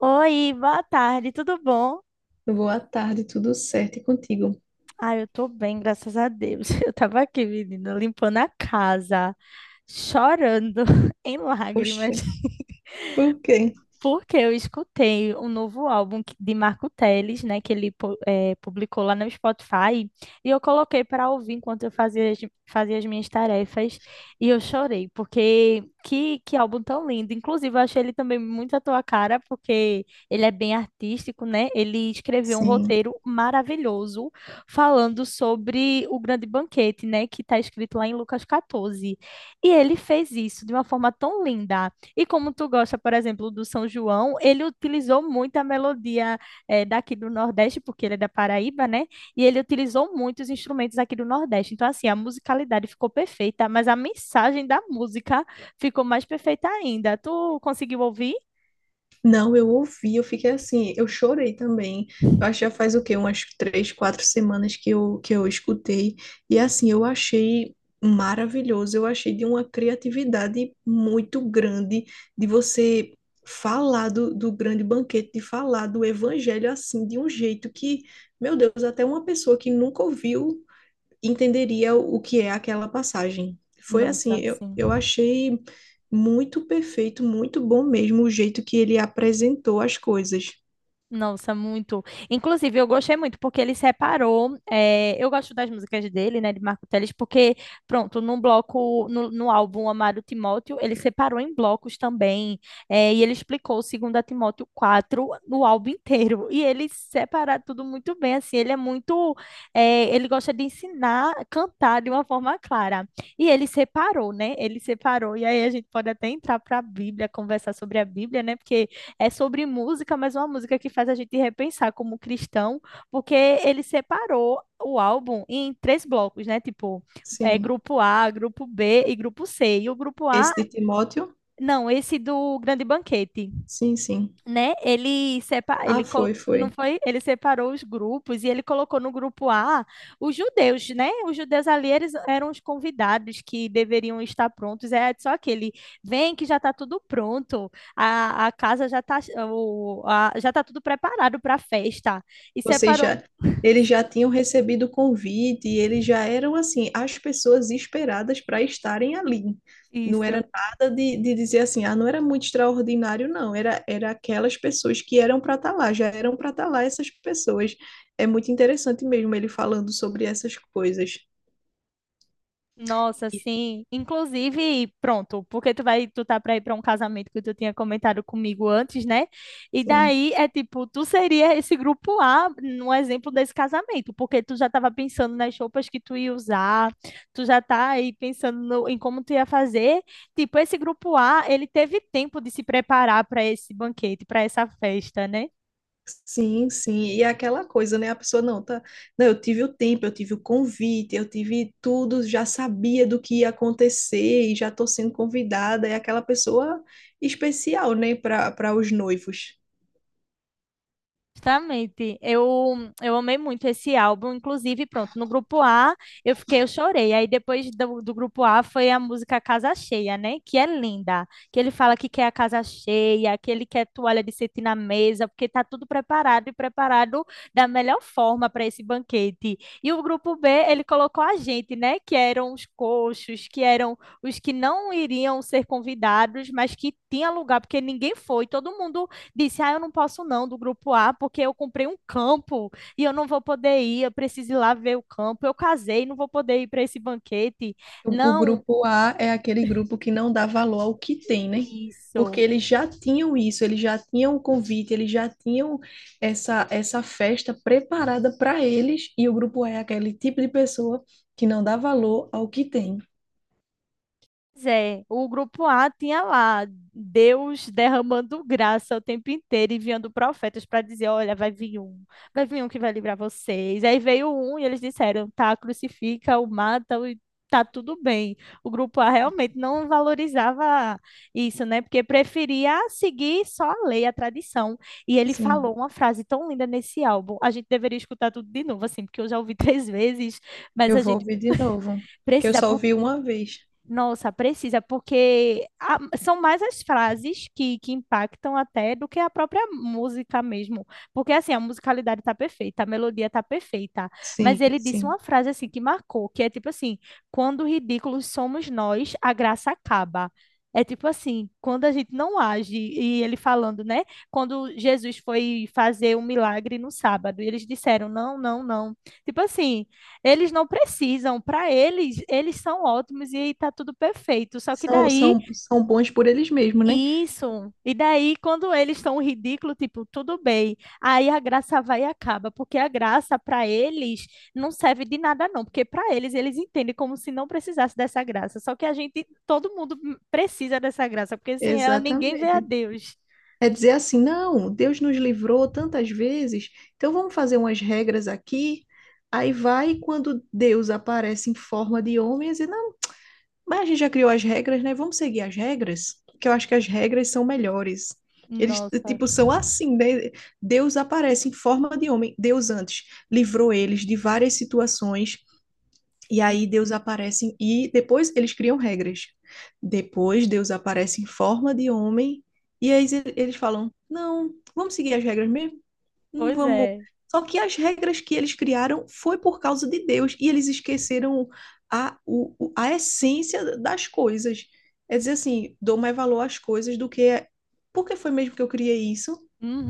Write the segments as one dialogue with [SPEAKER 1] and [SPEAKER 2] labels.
[SPEAKER 1] Oi, boa tarde, tudo bom?
[SPEAKER 2] Boa tarde, tudo certo e contigo?
[SPEAKER 1] Ah, eu tô bem, graças a Deus. Eu tava aqui, menina, limpando a casa, chorando em lágrimas.
[SPEAKER 2] Oxi, por quê?
[SPEAKER 1] Porque eu escutei um novo álbum de Marco Teles, né, que ele publicou lá no Spotify, e eu coloquei para ouvir enquanto eu fazia as minhas tarefas, e eu chorei, porque que álbum tão lindo. Inclusive, eu achei ele também muito à tua cara, porque ele é bem artístico, né? Ele escreveu um
[SPEAKER 2] Sim.
[SPEAKER 1] roteiro maravilhoso falando sobre o grande banquete, né, que está escrito lá em Lucas 14. E ele fez isso de uma forma tão linda. E como tu gosta, por exemplo, do São João, ele utilizou muito a melodia daqui do Nordeste, porque ele é da Paraíba, né? E ele utilizou muitos instrumentos aqui do Nordeste. Então, assim, a musicalidade ficou perfeita, mas a mensagem da música ficou mais perfeita ainda. Tu conseguiu ouvir?
[SPEAKER 2] Não, eu ouvi, eu fiquei assim, eu chorei também. Eu acho que já faz o quê? Umas 3, 4 semanas que eu escutei. E assim, eu achei maravilhoso, eu achei de uma criatividade muito grande de você falar do grande banquete, de falar do evangelho assim, de um jeito que, meu Deus, até uma pessoa que nunca ouviu entenderia o que é aquela passagem. Foi assim,
[SPEAKER 1] Nossa,
[SPEAKER 2] eu,
[SPEAKER 1] sim.
[SPEAKER 2] eu achei muito perfeito, muito bom mesmo o jeito que ele apresentou as coisas.
[SPEAKER 1] Nossa, muito. Inclusive, eu gostei muito porque ele separou. Eh, eu gosto das músicas dele, né, de Marco Teles, porque, pronto, num bloco, no álbum Amado Timóteo, ele separou em blocos também. Eh, e ele explicou o 2 Timóteo 4 no álbum inteiro. E ele separa tudo muito bem, assim. Ele é muito. Eh, ele gosta de ensinar a cantar de uma forma clara. E ele separou, né? Ele separou. E aí a gente pode até entrar para a Bíblia, conversar sobre a Bíblia, né? Porque é sobre música, mas é uma música que faz a gente repensar como cristão, porque ele separou o álbum em três blocos, né? Tipo, é,
[SPEAKER 2] Sim.
[SPEAKER 1] grupo A, grupo B e grupo C. E o grupo A,
[SPEAKER 2] Esse de Timóteo?
[SPEAKER 1] não, esse do Grande Banquete,
[SPEAKER 2] Sim, sim.
[SPEAKER 1] né? Ele separa,
[SPEAKER 2] Ah,
[SPEAKER 1] ele colo-
[SPEAKER 2] foi,
[SPEAKER 1] não
[SPEAKER 2] foi.
[SPEAKER 1] foi, ele separou os grupos e ele colocou no grupo A os judeus, né? Os judeus ali eles eram os convidados que deveriam estar prontos. É só que ele vem que já está tudo pronto, a casa já tá tudo preparado para a festa. E
[SPEAKER 2] Vocês
[SPEAKER 1] separou
[SPEAKER 2] já, eles já tinham recebido o convite, e eles já eram assim, as pessoas esperadas para estarem ali. Não
[SPEAKER 1] isso.
[SPEAKER 2] era nada de dizer assim, ah, não era muito extraordinário, não. Era aquelas pessoas que eram para estar lá, já eram para estar lá essas pessoas. É muito interessante mesmo ele falando sobre essas coisas.
[SPEAKER 1] Nossa, sim. Inclusive, pronto, porque tu tá pra ir pra um casamento que tu tinha comentado comigo antes, né? E
[SPEAKER 2] Sim.
[SPEAKER 1] daí é tipo, tu seria esse grupo A no exemplo desse casamento, porque tu já tava pensando nas roupas que tu ia usar, tu já tá aí pensando em como tu ia fazer. Tipo, esse grupo A, ele teve tempo de se preparar para esse banquete, para essa festa, né?
[SPEAKER 2] Sim, sim, e é aquela coisa, né? A pessoa não tá, não, eu tive o tempo, eu tive o convite, eu tive tudo, já sabia do que ia acontecer e já tô sendo convidada, é aquela pessoa especial, né, para os noivos.
[SPEAKER 1] Justamente, eu amei muito esse álbum, inclusive, pronto, no grupo A eu fiquei, eu chorei, aí depois do grupo A foi a música Casa Cheia, né, que é linda, que ele fala que quer a casa cheia, que ele quer toalha de cetim na mesa, porque tá tudo preparado e preparado da melhor forma para esse banquete, e o grupo B, ele colocou a gente, né, que eram os coxos, que eram os que não iriam ser convidados, mas que tinha lugar, porque ninguém foi, todo mundo disse: Ah, eu não posso não do grupo A, porque eu comprei um campo e eu não vou poder ir, eu preciso ir lá ver o campo. Eu casei, não vou poder ir para esse banquete.
[SPEAKER 2] O
[SPEAKER 1] Não,
[SPEAKER 2] grupo A é aquele grupo que não dá valor ao que tem, né? Porque
[SPEAKER 1] isso.
[SPEAKER 2] eles já tinham isso, eles já tinham o convite, eles já tinham essa festa preparada para eles, e o grupo A é aquele tipo de pessoa que não dá valor ao que tem.
[SPEAKER 1] Pois é, o grupo A tinha lá Deus derramando graça o tempo inteiro, enviando profetas para dizer: olha, vai vir um que vai livrar vocês. Aí veio um e eles disseram: tá, crucifica, o mata. Tá tudo bem. O grupo A realmente não valorizava isso, né? Porque preferia seguir só a lei, a tradição. E ele
[SPEAKER 2] Sim.
[SPEAKER 1] falou uma frase tão linda nesse álbum: a gente deveria escutar tudo de novo, assim, porque eu já ouvi três vezes, mas
[SPEAKER 2] Eu
[SPEAKER 1] a
[SPEAKER 2] vou
[SPEAKER 1] gente
[SPEAKER 2] ouvir de novo, que eu
[SPEAKER 1] precisa,
[SPEAKER 2] só ouvi uma vez.
[SPEAKER 1] nossa, precisa, porque são mais as frases que impactam até do que a própria música mesmo. Porque assim, a musicalidade tá perfeita, a melodia tá perfeita, mas
[SPEAKER 2] Sim,
[SPEAKER 1] ele disse
[SPEAKER 2] sim.
[SPEAKER 1] uma frase assim que marcou, que é tipo assim, quando ridículos somos nós, a graça acaba. É tipo assim, quando a gente não age, e ele falando, né? Quando Jesus foi fazer um milagre no sábado, e eles disseram, não, não, não. Tipo assim, eles não precisam, para eles, eles são ótimos e tá tudo perfeito. Só que
[SPEAKER 2] São,
[SPEAKER 1] daí,
[SPEAKER 2] são, são bons por eles mesmos, né?
[SPEAKER 1] isso. E daí, quando eles estão ridículo, tipo, tudo bem. Aí a graça vai e acaba, porque a graça para eles não serve de nada, não. Porque para eles, eles entendem como se não precisasse dessa graça. Só que a gente, todo mundo precisa dessa graça, porque sem ela ninguém vê a
[SPEAKER 2] Exatamente.
[SPEAKER 1] Deus.
[SPEAKER 2] É dizer assim, não, Deus nos livrou tantas vezes, então vamos fazer umas regras aqui. Aí vai quando Deus aparece em forma de homem, e diz, não, mas a gente já criou as regras, né? Vamos seguir as regras, porque eu acho que as regras são melhores. Eles,
[SPEAKER 1] Nossa.
[SPEAKER 2] tipo, são assim, né? Deus aparece em forma de homem. Deus antes livrou eles de várias situações. E aí Deus aparece e depois eles criam regras. Depois Deus aparece em forma de homem e aí eles falam: "Não, vamos seguir as regras mesmo". Não
[SPEAKER 1] Pois
[SPEAKER 2] vamos.
[SPEAKER 1] é.
[SPEAKER 2] Só que as regras que eles criaram foi por causa de Deus e eles esqueceram a essência das coisas. É dizer assim, dou mais valor às coisas do que. É-" Por que foi mesmo que eu criei isso?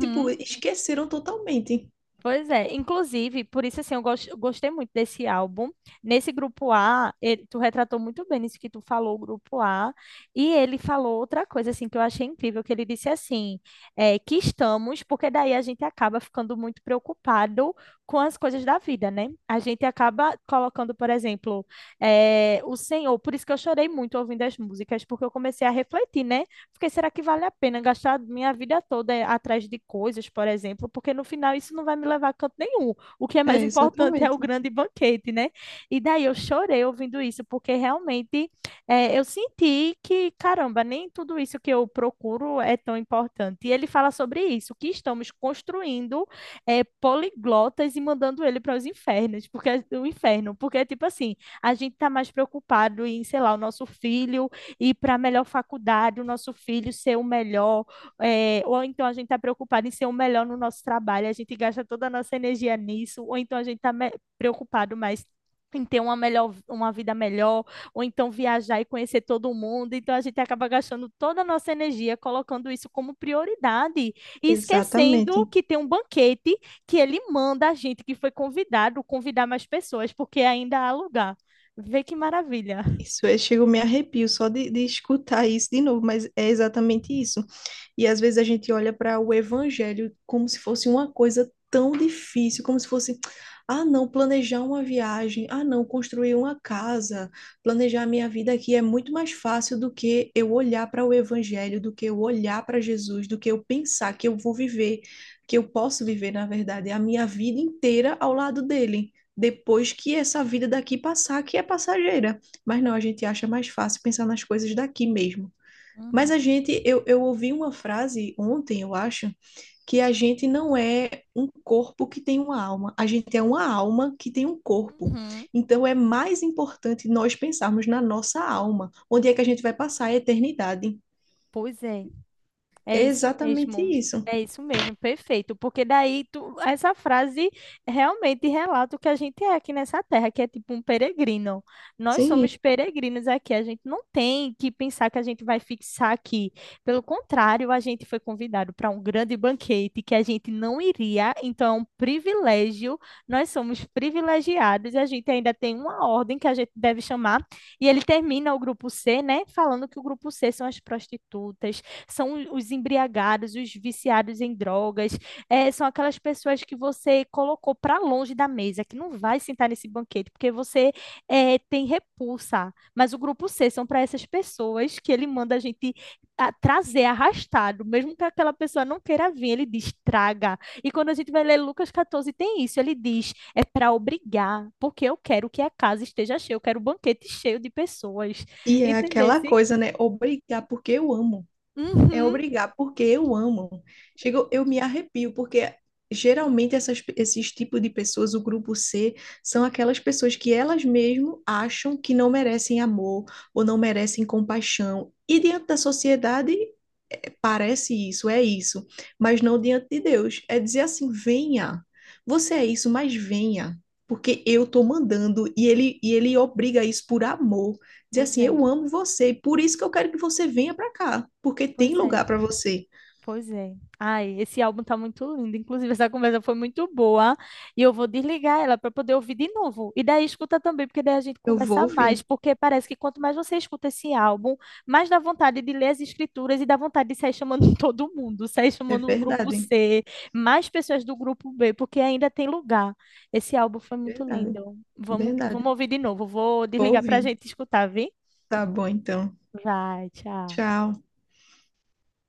[SPEAKER 2] Tipo, esqueceram totalmente.
[SPEAKER 1] Pois é, inclusive, por isso assim, eu gostei muito desse álbum. Nesse grupo A, tu retratou muito bem isso que tu falou, o grupo A, e ele falou outra coisa assim que eu achei incrível, que ele disse assim, é, que estamos, porque daí a gente acaba ficando muito preocupado com as coisas da vida, né? A gente acaba colocando, por exemplo, é, o Senhor, por isso que eu chorei muito ouvindo as músicas, porque eu comecei a refletir, né? Fiquei, será que vale a pena gastar minha vida toda atrás de coisas, por exemplo? Porque no final isso não vai me levar a canto nenhum. O que é mais
[SPEAKER 2] É,
[SPEAKER 1] importante é o
[SPEAKER 2] exatamente.
[SPEAKER 1] grande banquete, né? E daí eu chorei ouvindo isso, porque realmente é, eu senti que, caramba, nem tudo isso que eu procuro é tão importante. E ele fala sobre isso, que estamos construindo é, poliglotas e mandando ele para os infernos, porque o inferno, porque tipo assim, a gente tá mais preocupado em, sei lá, o nosso filho ir para a melhor faculdade, o nosso filho ser o melhor, é, ou então a gente está preocupado em ser o melhor no nosso trabalho, a gente gasta toda a nossa energia nisso, ou então a gente está preocupado mais em ter uma melhor, uma vida melhor, ou então viajar e conhecer todo mundo. Então a gente acaba gastando toda a nossa energia colocando isso como prioridade e esquecendo
[SPEAKER 2] Exatamente.
[SPEAKER 1] que tem um banquete que ele manda a gente que foi convidado convidar mais pessoas, porque ainda há lugar. Vê que maravilha.
[SPEAKER 2] Isso, eu chego, me arrepio só de escutar isso de novo, mas é exatamente isso. E às vezes a gente olha para o evangelho como se fosse uma coisa tão difícil, como se fosse, ah, não, planejar uma viagem, ah, não, construir uma casa, planejar a minha vida aqui é muito mais fácil do que eu olhar para o evangelho, do que eu olhar para Jesus, do que eu pensar que eu vou viver, que eu posso viver, na verdade, a minha vida inteira ao lado dele. Depois que essa vida daqui passar, que é passageira. Mas não, a gente acha mais fácil pensar nas coisas daqui mesmo. Mas a
[SPEAKER 1] Uhum.
[SPEAKER 2] gente, eu ouvi uma frase ontem, eu acho, que a gente não é um corpo que tem uma alma, a gente é uma alma que tem um corpo.
[SPEAKER 1] Uhum.
[SPEAKER 2] Então é mais importante nós pensarmos na nossa alma, onde é que a gente vai passar a eternidade.
[SPEAKER 1] Pois é, é
[SPEAKER 2] É
[SPEAKER 1] isso
[SPEAKER 2] exatamente
[SPEAKER 1] mesmo.
[SPEAKER 2] isso.
[SPEAKER 1] É isso mesmo, perfeito. Porque daí tu, essa frase realmente relata o que a gente é aqui nessa terra, que é tipo um peregrino. Nós
[SPEAKER 2] Sim,
[SPEAKER 1] somos peregrinos aqui, a gente não tem que pensar que a gente vai fixar aqui. Pelo contrário, a gente foi convidado para um grande banquete que a gente não iria, então é um privilégio. Nós somos privilegiados, e a gente ainda tem uma ordem que a gente deve chamar, e ele termina o grupo C, né, falando que o grupo C são as prostitutas, são os embriagados, os viciados em drogas, é, são aquelas pessoas que você colocou para longe da mesa, que não vai sentar nesse banquete, porque você é, tem repulsa. Mas o grupo C são para essas pessoas que ele manda a gente trazer arrastado, mesmo que aquela pessoa não queira vir, ele diz traga. E quando a gente vai ler Lucas 14, tem isso, ele diz é para obrigar, porque eu quero que a casa esteja cheia, eu quero o banquete cheio de pessoas.
[SPEAKER 2] e é aquela
[SPEAKER 1] Entendesse?
[SPEAKER 2] coisa, né? Obrigar porque eu amo. É
[SPEAKER 1] Uhum.
[SPEAKER 2] obrigar, porque eu amo. Chego, eu me arrepio, porque geralmente essas, esses tipos de pessoas, o grupo C, são aquelas pessoas que elas mesmo acham que não merecem amor ou não merecem compaixão. E diante da sociedade, parece isso, é isso, mas não diante de Deus. É dizer assim: venha, você é isso, mas venha, porque eu estou mandando e ele obriga isso por amor. Dizer
[SPEAKER 1] Pois
[SPEAKER 2] assim:
[SPEAKER 1] é,
[SPEAKER 2] eu amo você, e por isso que eu quero que você venha para cá, porque tem
[SPEAKER 1] pois é.
[SPEAKER 2] lugar para você.
[SPEAKER 1] Pois é. Ai, esse álbum tá muito lindo. Inclusive, essa conversa foi muito boa. E eu vou desligar ela para poder ouvir de novo. E daí escuta também, porque daí a gente
[SPEAKER 2] Eu vou
[SPEAKER 1] conversa mais.
[SPEAKER 2] ouvir,
[SPEAKER 1] Porque parece que quanto mais você escuta esse álbum, mais dá vontade de ler as escrituras e dá vontade de sair chamando todo mundo, sair
[SPEAKER 2] é
[SPEAKER 1] chamando o grupo
[SPEAKER 2] verdade,
[SPEAKER 1] C, mais pessoas do grupo B, porque ainda tem lugar. Esse álbum foi muito
[SPEAKER 2] verdade,
[SPEAKER 1] lindo.
[SPEAKER 2] verdade.
[SPEAKER 1] Vamos ouvir de novo. Vou
[SPEAKER 2] Vou
[SPEAKER 1] desligar para a
[SPEAKER 2] ouvir.
[SPEAKER 1] gente escutar, viu?
[SPEAKER 2] Tá bom, então.
[SPEAKER 1] Vai, tchau.
[SPEAKER 2] Tchau.